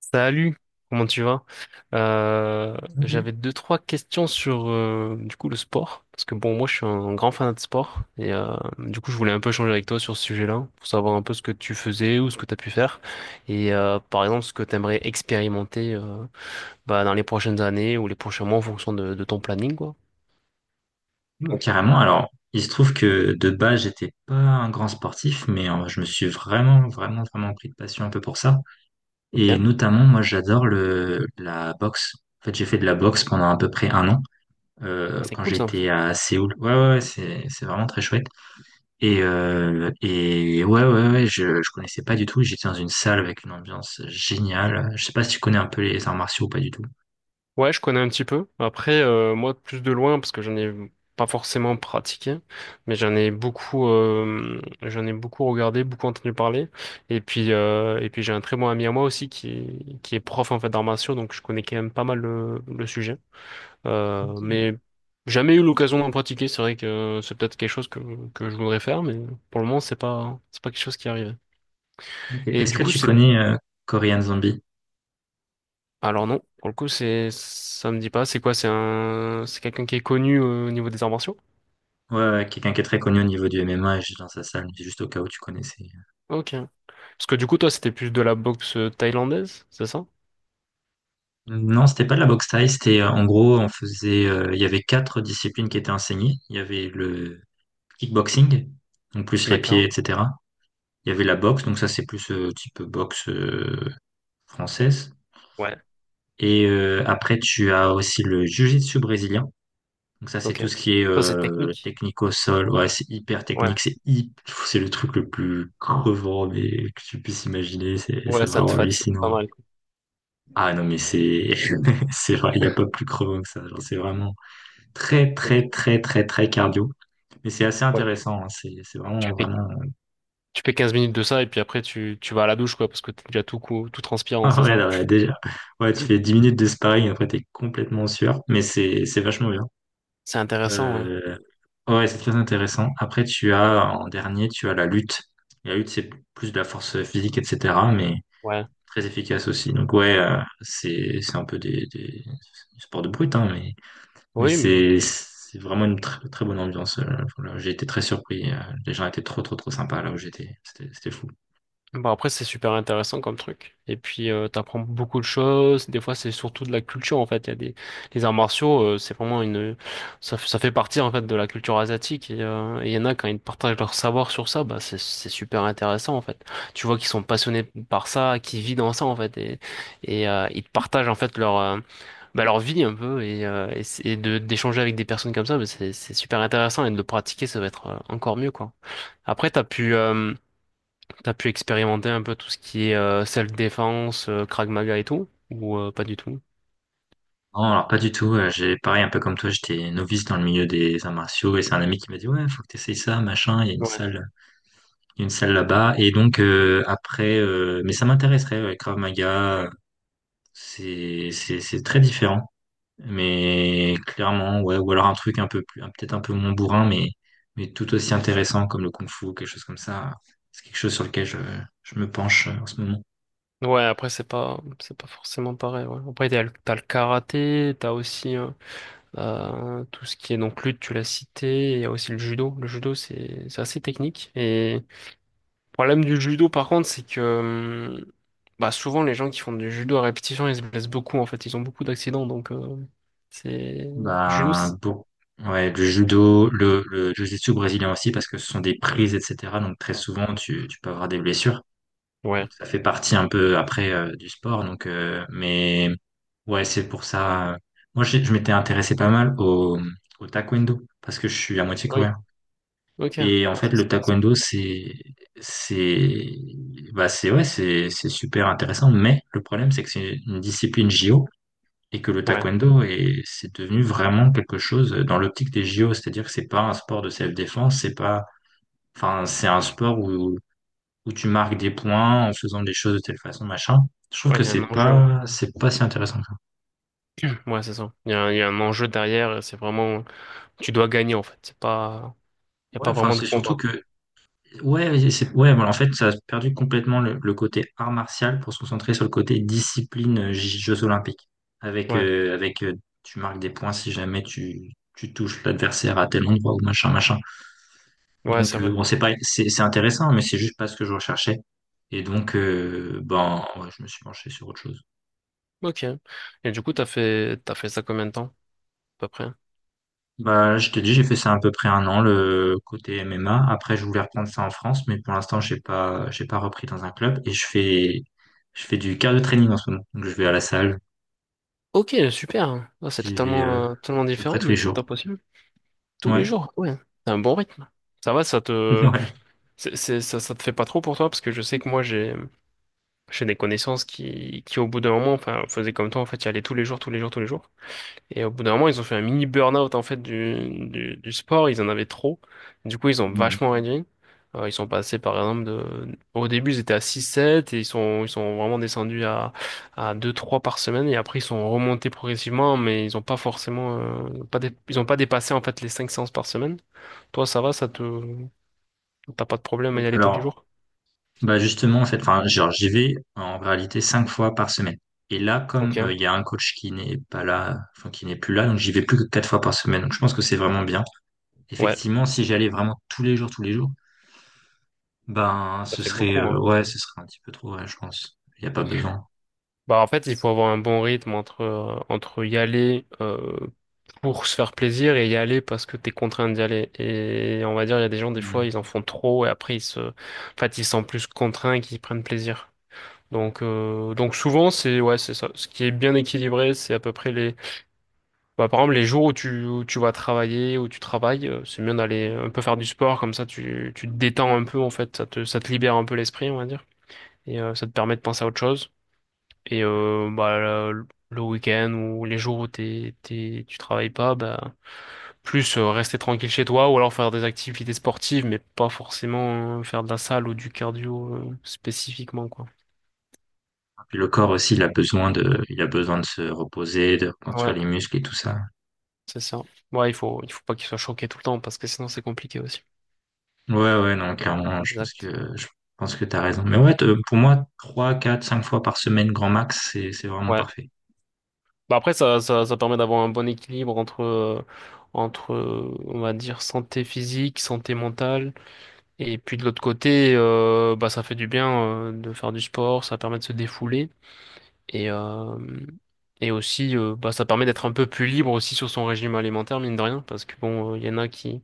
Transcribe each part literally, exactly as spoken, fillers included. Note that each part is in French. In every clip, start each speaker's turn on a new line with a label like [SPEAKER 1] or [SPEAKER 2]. [SPEAKER 1] Salut, comment tu vas? Euh, J'avais
[SPEAKER 2] Mhm.
[SPEAKER 1] deux, trois questions sur euh, du coup le sport, parce que bon, moi je suis un grand fan de sport, et euh, du coup je voulais un peu changer avec toi sur ce sujet-là, pour savoir un peu ce que tu faisais ou ce que tu as pu faire, et euh, par exemple ce que tu aimerais expérimenter euh, bah, dans les prochaines années ou les prochains mois en fonction de, de ton planning, quoi.
[SPEAKER 2] Ouais, carrément. Alors il se trouve que de base j'étais pas un grand sportif, mais euh, je me suis vraiment, vraiment, vraiment pris de passion un peu pour ça.
[SPEAKER 1] Ok,
[SPEAKER 2] Et
[SPEAKER 1] ah,
[SPEAKER 2] notamment, moi j'adore le la boxe. En fait, j'ai fait de la boxe pendant à peu près un an euh,
[SPEAKER 1] c'est
[SPEAKER 2] quand
[SPEAKER 1] cool ça.
[SPEAKER 2] j'étais à Séoul. Ouais, ouais, ouais, c'est c'est vraiment très chouette. Et euh, et ouais, ouais, ouais, je je connaissais pas du tout. J'étais dans une salle avec une ambiance géniale. Je sais pas si tu connais un peu les arts martiaux ou pas du tout.
[SPEAKER 1] Ouais, je connais un petit peu. Après, euh, moi, plus de loin, parce que j'en ai pas forcément pratiqué, mais j'en ai beaucoup, euh, j'en ai beaucoup regardé, beaucoup entendu parler. Et puis, euh, et puis j'ai un très bon ami à moi aussi qui est, qui est prof en fait d'arts martiaux, donc je connais quand même pas mal le, le sujet. Euh,
[SPEAKER 2] Ok.
[SPEAKER 1] mais jamais eu l'occasion d'en pratiquer. C'est vrai que c'est peut-être quelque chose que, que je voudrais faire, mais pour le moment, c'est pas, c'est pas quelque chose qui arrive.
[SPEAKER 2] Ok.
[SPEAKER 1] Et
[SPEAKER 2] Est-ce
[SPEAKER 1] du
[SPEAKER 2] que
[SPEAKER 1] coup,
[SPEAKER 2] tu
[SPEAKER 1] c'est
[SPEAKER 2] connais euh, Korean Zombie?
[SPEAKER 1] alors non, pour le coup, c'est, ça me dit pas. C'est quoi? C'est un, c'est quelqu'un qui est connu euh, au niveau des arts martiaux?
[SPEAKER 2] Ouais, ouais, quelqu'un qui est très connu au niveau du M M A, et j'étais dans sa salle, mais juste au cas où tu connaissais.
[SPEAKER 1] Ok. Parce que du coup, toi, c'était plus de la boxe thaïlandaise, c'est ça?
[SPEAKER 2] Non, c'était pas de la boxe thaï, c'était euh, en gros, on faisait, euh, il y avait quatre disciplines qui étaient enseignées. Il y avait le kickboxing, donc plus les pieds,
[SPEAKER 1] D'accord.
[SPEAKER 2] et cetera. Il y avait la boxe, donc ça c'est plus euh, type boxe euh, française.
[SPEAKER 1] Ouais.
[SPEAKER 2] Et euh, après, tu as aussi le jiu-jitsu brésilien. Donc ça c'est
[SPEAKER 1] Ok.
[SPEAKER 2] tout ce qui est
[SPEAKER 1] Ça, c'est
[SPEAKER 2] euh,
[SPEAKER 1] technique.
[SPEAKER 2] technique au sol. Ouais, c'est hyper
[SPEAKER 1] Ouais.
[SPEAKER 2] technique, c'est hy- c'est le truc le plus crevant mais que tu puisses imaginer. C'est
[SPEAKER 1] Ouais,
[SPEAKER 2] c'est
[SPEAKER 1] ça te
[SPEAKER 2] vraiment
[SPEAKER 1] fatigue pas
[SPEAKER 2] hallucinant.
[SPEAKER 1] mal. quoi.
[SPEAKER 2] Ah non, mais c'est c'est vrai, il n'y a pas plus crevant que ça. Genre, c'est vraiment très, très,
[SPEAKER 1] Ok.
[SPEAKER 2] très, très, très cardio. Mais c'est assez
[SPEAKER 1] Ouais.
[SPEAKER 2] intéressant, hein. C'est c'est
[SPEAKER 1] Tu
[SPEAKER 2] vraiment,
[SPEAKER 1] fais,
[SPEAKER 2] vraiment.
[SPEAKER 1] Tu fais quinze minutes de ça et puis après, tu, tu vas à la douche, quoi, parce que t'es déjà tout, cou- tout transpirant,
[SPEAKER 2] Ah
[SPEAKER 1] c'est
[SPEAKER 2] ouais,
[SPEAKER 1] ça?
[SPEAKER 2] non, ouais, déjà. Ouais, tu fais dix minutes de sparring, après, t'es complètement sûr. Mais c'est c'est vachement bien.
[SPEAKER 1] C'est intéressant, ouais.
[SPEAKER 2] Euh, Ouais, c'est très intéressant. Après, tu as, en dernier, tu as la lutte. La lutte, c'est plus de la force physique, et cetera, mais
[SPEAKER 1] Ouais.
[SPEAKER 2] très efficace aussi. Donc ouais, euh, c'est c'est un peu des, des sports de brute, hein. mais Mais
[SPEAKER 1] Oui, mais.
[SPEAKER 2] c'est c'est vraiment une très, très bonne ambiance. Euh, voilà. J'ai été très surpris. euh, Les gens étaient trop, trop, trop sympas là où j'étais. C'était c'était fou.
[SPEAKER 1] Bon, après, c'est super intéressant comme truc. Et puis, euh, t'apprends beaucoup de choses. Des fois, c'est surtout de la culture, en fait. Il y a des, les arts martiaux, euh, c'est vraiment une, ça, ça fait partie, en fait, de la culture asiatique. Et, euh, et il y en a, quand ils partagent leur savoir sur ça, bah, c'est, c'est super intéressant, en fait. Tu vois qu'ils sont passionnés par ça, qu'ils vivent dans ça, en fait. Et, et euh, ils partagent, en fait, leur, euh, bah, leur vie, un peu. Et, euh, et, c'est- et de, d'échanger avec des personnes comme ça, bah, c'est, c'est super intéressant. Et de le pratiquer, ça va être euh, encore mieux, quoi. Après, t'as pu, euh, T'as pu expérimenter un peu tout ce qui est euh, self-défense, euh, Krav Maga et tout? Ou euh, pas du tout?
[SPEAKER 2] Non, alors pas du tout. euh, J'ai pareil, un peu comme toi, j'étais novice dans le milieu des arts martiaux et c'est un ami qui m'a dit ouais, faut que t'essayes ça, machin. Il y a une
[SPEAKER 1] Ouais.
[SPEAKER 2] salle, il y a une salle là-bas. Et donc euh, après, euh, mais ça m'intéresserait. Ouais, Krav Maga, c'est c'est c'est très différent. Mais clairement, ouais, ou alors un truc un peu plus, un- peut-être un peu moins bourrin, mais, mais tout aussi intéressant comme le kung-fu, quelque chose comme ça. C'est quelque chose sur lequel je, je me penche euh, en ce moment.
[SPEAKER 1] Ouais, après, c'est pas, c'est pas forcément pareil. Ouais. Après, t'as le, t'as le karaté, t'as aussi euh, euh, tout ce qui est donc lutte, tu l'as cité, et il y a aussi le judo. Le judo, c'est c'est assez technique. Et le problème du judo, par contre, c'est que euh, bah, souvent, les gens qui font du judo à répétition, ils se blessent beaucoup, en fait. Ils ont beaucoup d'accidents, donc euh, c'est... Le judo,
[SPEAKER 2] Bah,
[SPEAKER 1] c'est-
[SPEAKER 2] bon, ouais, le judo, le, le jiu-jitsu brésilien aussi, parce que ce sont des prises, et cetera. Donc très souvent, tu, tu peux avoir des blessures.
[SPEAKER 1] Ouais.
[SPEAKER 2] Donc ça fait partie un peu après euh, du sport. Donc, euh, mais ouais, c'est pour ça. euh, Moi, j'ai- je m'étais intéressé pas mal au, au taekwondo, parce que je suis à moitié
[SPEAKER 1] Oui.
[SPEAKER 2] coréen.
[SPEAKER 1] Ok. Ouais,
[SPEAKER 2] Et en fait,
[SPEAKER 1] ça, c'est
[SPEAKER 2] le
[SPEAKER 1] sympa, ça.
[SPEAKER 2] taekwondo, c'est, c'est, bah, c'est, ouais, c'est, c'est super intéressant. Mais le problème, c'est que c'est une discipline J O et que le
[SPEAKER 1] Ouais.
[SPEAKER 2] taekwondo est, c'est devenu vraiment quelque chose dans l'optique des J O. C'est-à-dire que c'est pas un sport de self-défense, c'est pas, enfin, c'est un sport où, où tu marques des points en faisant des choses de telle façon, machin. Je trouve
[SPEAKER 1] Ouais,
[SPEAKER 2] que
[SPEAKER 1] il y a un
[SPEAKER 2] c'est
[SPEAKER 1] enjeu, ouais.
[SPEAKER 2] pas, c'est pas si intéressant que ça.
[SPEAKER 1] Ouais, c'est ça. Il y a, un- il y a un enjeu derrière, et c'est vraiment... Tu dois gagner, en fait. C'est pas... Il n'y a
[SPEAKER 2] Ouais,
[SPEAKER 1] pas
[SPEAKER 2] enfin,
[SPEAKER 1] vraiment de
[SPEAKER 2] c'est surtout
[SPEAKER 1] combat.
[SPEAKER 2] que, ouais, c'est, ouais, voilà, en fait, ça a perdu complètement le, le côté art martial pour se concentrer sur le côté discipline, euh, J- Jeux Olympiques. Avec,
[SPEAKER 1] Ouais,
[SPEAKER 2] euh, avec euh, tu marques des points si jamais tu, tu touches l'adversaire à tel endroit ou machin, machin.
[SPEAKER 1] ouais,
[SPEAKER 2] Donc,
[SPEAKER 1] c'est
[SPEAKER 2] euh,
[SPEAKER 1] vrai.
[SPEAKER 2] bon, c'est pas, c'est, c'est intéressant, mais c'est juste pas ce que je recherchais. Et donc, euh, ben, ouais, je me suis penché sur autre chose.
[SPEAKER 1] Ok. Et du coup, t'as fait... t'as fait ça combien de temps, à peu près?
[SPEAKER 2] Bah, je t'ai dit, j'ai fait ça à peu près un an, le côté M M A. Après, je voulais reprendre ça en France, mais pour l'instant, j'ai pas, j'ai pas, repris dans un club. Et je fais, je fais du cardio training en ce moment. Donc, je vais à la salle.
[SPEAKER 1] Ok, super. Ah, c'est
[SPEAKER 2] J'y vais, euh,
[SPEAKER 1] totalement, euh, totalement
[SPEAKER 2] à peu près
[SPEAKER 1] différent,
[SPEAKER 2] tous les
[SPEAKER 1] mais c'est
[SPEAKER 2] jours.
[SPEAKER 1] top aussi. Tous
[SPEAKER 2] Ouais.
[SPEAKER 1] les jours, ouais. C'est un bon rythme. Ça va, ça te...
[SPEAKER 2] Ouais.
[SPEAKER 1] c'est, c'est- ça, ça te fait pas trop pour toi, parce que je sais que moi, j'ai... J'ai des connaissances qui, qui, au bout d'un moment, enfin, faisaient comme toi, en fait, y allaient tous les jours, tous les jours, tous les jours. Et au bout d'un moment, ils ont fait un mini burn-out en fait du, du, du sport. Ils en avaient trop. Du coup, ils ont
[SPEAKER 2] Mhm.
[SPEAKER 1] vachement réduit. Euh, ils sont passés par exemple de... Au début, ils étaient à six sept et ils sont, ils sont vraiment descendus à, à deux trois par semaine. Et après, ils sont remontés progressivement, mais ils ont pas forcément... euh, pas dé- Ils ont pas dépassé en fait les cinq séances par semaine. Toi, ça va, ça te... T'as pas de problème à y aller tous les
[SPEAKER 2] Alors,
[SPEAKER 1] jours?
[SPEAKER 2] bah, justement, en fait, enfin, genre, j'y vais en réalité cinq fois par semaine. Et là,
[SPEAKER 1] Ok,
[SPEAKER 2] comme euh, il y a un coach qui n'est pas là, enfin, qui n'est plus là, donc j'y vais plus que quatre fois par semaine. Donc, je pense que c'est vraiment bien.
[SPEAKER 1] ouais,
[SPEAKER 2] Effectivement, si j'allais vraiment tous les jours, tous les jours, ben,
[SPEAKER 1] ça
[SPEAKER 2] ce
[SPEAKER 1] fait
[SPEAKER 2] serait,
[SPEAKER 1] beaucoup,
[SPEAKER 2] euh,
[SPEAKER 1] hein.
[SPEAKER 2] ouais, ce serait un petit peu trop, ouais, je pense. Il n'y a pas besoin.
[SPEAKER 1] Bah en fait, il faut avoir un bon rythme entre euh, entre y aller. Euh, pour se faire plaisir et y aller parce que t'es contraint d'y aller. Et on va dire, il y a des gens, des fois,
[SPEAKER 2] Mm.
[SPEAKER 1] ils en font trop et après, ils se, en fait, ils se sentent plus contraints qu'ils prennent plaisir. Donc, euh, donc souvent, c'est, ouais, c'est ça. Ce qui est bien équilibré, c'est à peu près les, bah, par exemple, les jours où tu, où tu vas travailler, où tu travailles, euh, c'est bien d'aller un peu faire du sport, comme ça, tu, tu te détends un peu, en fait, ça te, ça te libère un peu l'esprit, on va dire. Et euh, ça te permet de penser à autre chose. Et euh, bah, le, le week-end ou les jours où t'es, t'es, tu travailles pas, bah, plus euh, rester tranquille chez toi ou alors faire des activités sportives, mais pas forcément euh, faire de la salle ou du cardio euh, spécifiquement, quoi.
[SPEAKER 2] Puis le corps aussi, il a besoin de, il a besoin de se reposer, de
[SPEAKER 1] Ouais,
[SPEAKER 2] reconstruire les muscles et tout ça.
[SPEAKER 1] c'est ça. Ouais, il faut, il faut pas qu'il soit choqué tout le temps parce que sinon c'est compliqué aussi.
[SPEAKER 2] Ouais, ouais, non, clairement, je pense
[SPEAKER 1] Exact.
[SPEAKER 2] que, je pense que t'as raison. Mais ouais, t- euh, pour moi, trois, quatre, cinq fois par semaine, grand max, c'est, c'est vraiment
[SPEAKER 1] Ouais.
[SPEAKER 2] parfait.
[SPEAKER 1] Bah après, ça, ça, ça permet d'avoir un bon équilibre entre, euh, entre, euh, on va dire, santé physique, santé mentale. Et puis de l'autre côté, euh, bah ça fait du bien euh, de faire du sport, ça permet de se défouler et euh, et aussi euh, bah ça permet d'être un peu plus libre aussi sur son régime alimentaire mine de rien parce que bon il y en a qui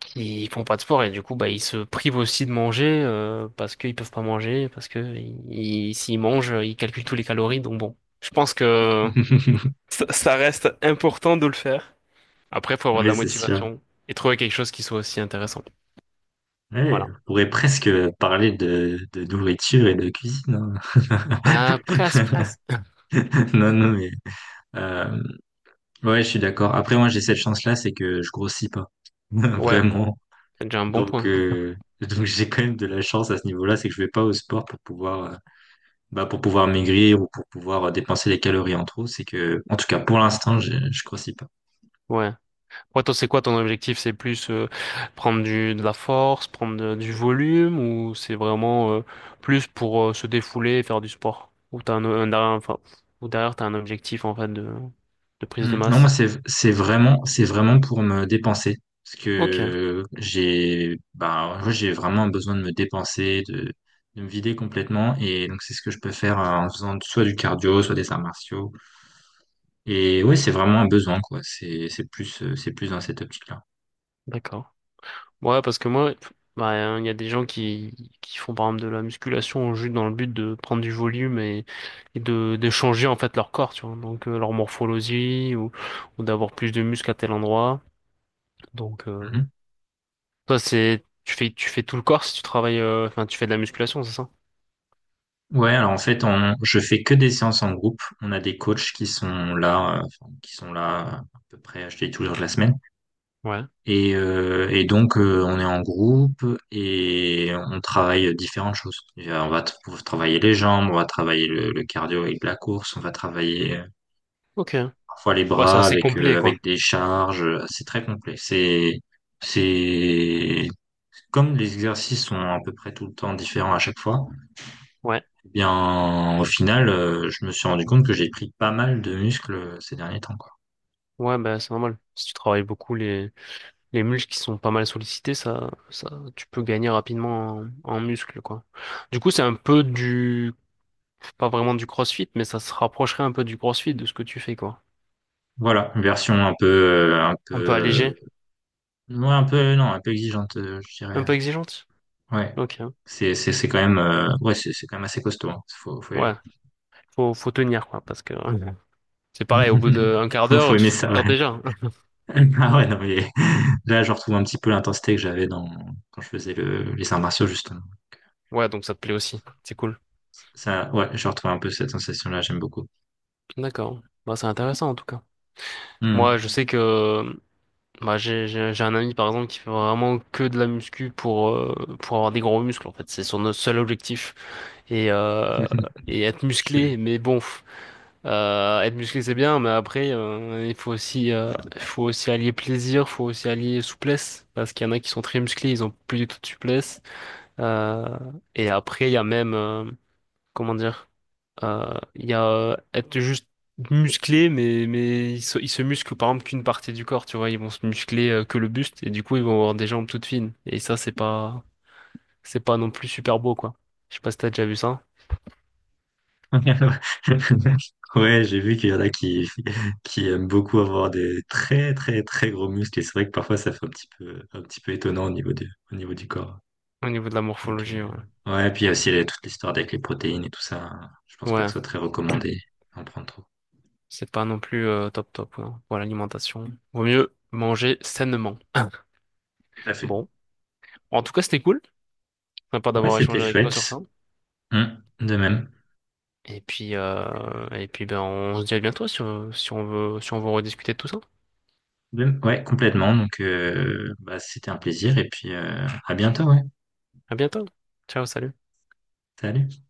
[SPEAKER 1] qui font pas de sport et du coup bah ils se privent aussi de manger euh, parce qu'ils peuvent pas manger parce que ils- ils- s'ils mangent ils calculent tous les calories donc bon je pense que ça, ça reste important de le faire. Après faut avoir de
[SPEAKER 2] Oui,
[SPEAKER 1] la
[SPEAKER 2] c'est sûr.
[SPEAKER 1] motivation et trouver quelque chose qui soit aussi intéressant.
[SPEAKER 2] Ouais,
[SPEAKER 1] Voilà.
[SPEAKER 2] on pourrait presque parler de, de nourriture et de cuisine, hein.
[SPEAKER 1] Ah presque presque.
[SPEAKER 2] Non, non, mais euh, ouais, je suis d'accord. Après, moi, j'ai cette chance-là, c'est que je grossis pas.
[SPEAKER 1] Ouais.
[SPEAKER 2] Vraiment.
[SPEAKER 1] C'est déjà un bon
[SPEAKER 2] Donc,
[SPEAKER 1] point.
[SPEAKER 2] euh, donc j'ai quand même de la chance à ce niveau-là, c'est que je vais pas au sport pour pouvoir, euh, bah, pour pouvoir maigrir ou pour pouvoir euh, dépenser les calories en trop. C'est que, en tout cas, pour l'instant, je, je grossis pas.
[SPEAKER 1] Ouais. Ouais, toi, c'est quoi ton objectif? C'est plus euh, prendre du, de la force, prendre de- du volume, ou c'est vraiment euh, plus pour euh, se défouler et faire du sport? Ou t'as un, un derrière, enfin, ou derrière t'as un objectif en fait de, de prise de
[SPEAKER 2] Hmm. Non, moi,
[SPEAKER 1] masse?
[SPEAKER 2] c'est, c'est vraiment, c'est vraiment pour me dépenser. Parce
[SPEAKER 1] Ok,
[SPEAKER 2] que j'ai, bah, moi, j'ai vraiment besoin de me dépenser, de, de me vider complètement. Et donc, c'est ce que je peux faire euh, en faisant soit du cardio, soit des arts martiaux. Et ouais, c'est vraiment un besoin, quoi. C'est, c'est plus, euh, c'est plus dans cette optique-là.
[SPEAKER 1] d'accord. Ouais, parce que moi, bah, hein, il y a des gens qui, qui font par exemple de la musculation juste dans le but de prendre du volume et, et de, de changer en fait leur corps, tu vois. Donc euh, leur morphologie ou, ou d'avoir plus de muscles à tel endroit. Donc, euh,
[SPEAKER 2] Mhm.
[SPEAKER 1] toi, c'est tu fais tu fais tout le corps si tu travailles euh, enfin tu fais de la musculation, c'est ça?
[SPEAKER 2] Ouais, alors en fait, on, je fais que des séances en groupe. On a des coachs qui sont là, euh, enfin, qui sont là à peu près, à dis tous les jours de la semaine.
[SPEAKER 1] Ouais.
[SPEAKER 2] Et, euh, et donc, euh, on est en groupe et on travaille différentes choses. Et, euh, on va t- on travailler les jambes, on va travailler le, le cardio avec de la course, on va travailler
[SPEAKER 1] OK.
[SPEAKER 2] parfois les
[SPEAKER 1] Ouais, c'est
[SPEAKER 2] bras
[SPEAKER 1] assez
[SPEAKER 2] avec euh,
[SPEAKER 1] complet quoi.
[SPEAKER 2] avec des charges. euh, C'est très complet. C'est c'est comme les exercices sont à peu près tout le temps différents à chaque fois.
[SPEAKER 1] Ouais.
[SPEAKER 2] Eh bien, au final, euh, je me suis rendu compte que j'ai pris pas mal de muscles euh, ces derniers temps, quoi.
[SPEAKER 1] Ouais, bah c'est normal. Si tu travailles beaucoup les les muscles qui sont pas mal sollicités, ça ça tu peux gagner rapidement en, en muscles quoi. Du coup, c'est un peu du pas vraiment du CrossFit, mais ça se rapprocherait un peu du CrossFit de ce que tu fais quoi.
[SPEAKER 2] Voilà, une version un peu euh, un peu
[SPEAKER 1] Un peu
[SPEAKER 2] euh,
[SPEAKER 1] allégé,
[SPEAKER 2] ouais, un peu non un peu exigeante, euh, je dirais.
[SPEAKER 1] un peu exigeante.
[SPEAKER 2] Ouais,
[SPEAKER 1] OK.
[SPEAKER 2] c'est c'est c'est quand même euh, ouais c'est c'est quand même assez costaud, hein. Faut faut y
[SPEAKER 1] Ouais,
[SPEAKER 2] aller.
[SPEAKER 1] faut faut tenir quoi parce que mhm, c'est pareil au bout d'un quart
[SPEAKER 2] Faut
[SPEAKER 1] d'heure, tu
[SPEAKER 2] aimer
[SPEAKER 1] te
[SPEAKER 2] ça. Ouais.
[SPEAKER 1] repères déjà.
[SPEAKER 2] Ah ouais, non, mais là, je retrouve un petit peu l'intensité que j'avais dans quand je faisais le... les arts martiaux, justement.
[SPEAKER 1] Ouais, donc ça te plaît aussi. C'est cool.
[SPEAKER 2] Ça, ouais, je retrouve un peu cette sensation-là, j'aime beaucoup.
[SPEAKER 1] D'accord. Bah, c'est intéressant en tout cas. Moi,
[SPEAKER 2] Hmm.
[SPEAKER 1] je sais que bah, j'ai j'ai- j'ai un ami par exemple qui fait vraiment que de la muscu pour, euh, pour avoir des gros muscles en fait. C'est son seul objectif. Et, euh, et être musclé,
[SPEAKER 2] Je-
[SPEAKER 1] mais bon, pff, euh, être musclé c'est bien, mais après euh, il faut aussi, euh, il faut aussi allier plaisir, faut aussi allier souplesse. Parce qu'il y en a qui sont très musclés, ils ont plus du tout de souplesse. Euh, et après, il y a même, euh, comment dire? Euh, Il y a euh, être juste musclé, mais, mais ils se, ils se musclent par exemple qu'une partie du corps, tu vois. Ils vont se muscler euh, que le buste et du coup, ils vont avoir des jambes toutes fines. Et ça, c'est pas, c'est pas non plus super beau, quoi. Je sais pas si t'as déjà vu ça
[SPEAKER 2] Ouais, j'ai vu qu'il y en a qui, qui aiment beaucoup avoir des très, très, très gros muscles. Et c'est vrai que parfois, ça fait un petit peu, un petit peu étonnant au niveau du, au niveau du corps.
[SPEAKER 1] au niveau de la
[SPEAKER 2] Donc, euh,
[SPEAKER 1] morphologie, ouais.
[SPEAKER 2] ouais, et puis il y a aussi les- toute l'histoire avec les protéines et tout ça. Je pense pas que
[SPEAKER 1] Ouais,
[SPEAKER 2] ce soit très recommandé d'en prendre trop.
[SPEAKER 1] c'est pas non plus euh, top top, quoi. Pour l'alimentation, vaut mieux manger sainement.
[SPEAKER 2] Tout à fait.
[SPEAKER 1] Bon, en tout cas, c'était cool. Sympa
[SPEAKER 2] Ouais,
[SPEAKER 1] d'avoir
[SPEAKER 2] c'était
[SPEAKER 1] échangé avec toi sur
[SPEAKER 2] chouette.
[SPEAKER 1] ça.
[SPEAKER 2] Hmm, de même.
[SPEAKER 1] Et puis, euh, et puis ben, on se dit à bientôt si on, si on veut, si on veut rediscuter de tout ça.
[SPEAKER 2] De- Ouais, complètement. Donc, euh, bah, c'était un plaisir et puis euh, à bientôt, ouais.
[SPEAKER 1] À bientôt. Ciao, salut.
[SPEAKER 2] Salut.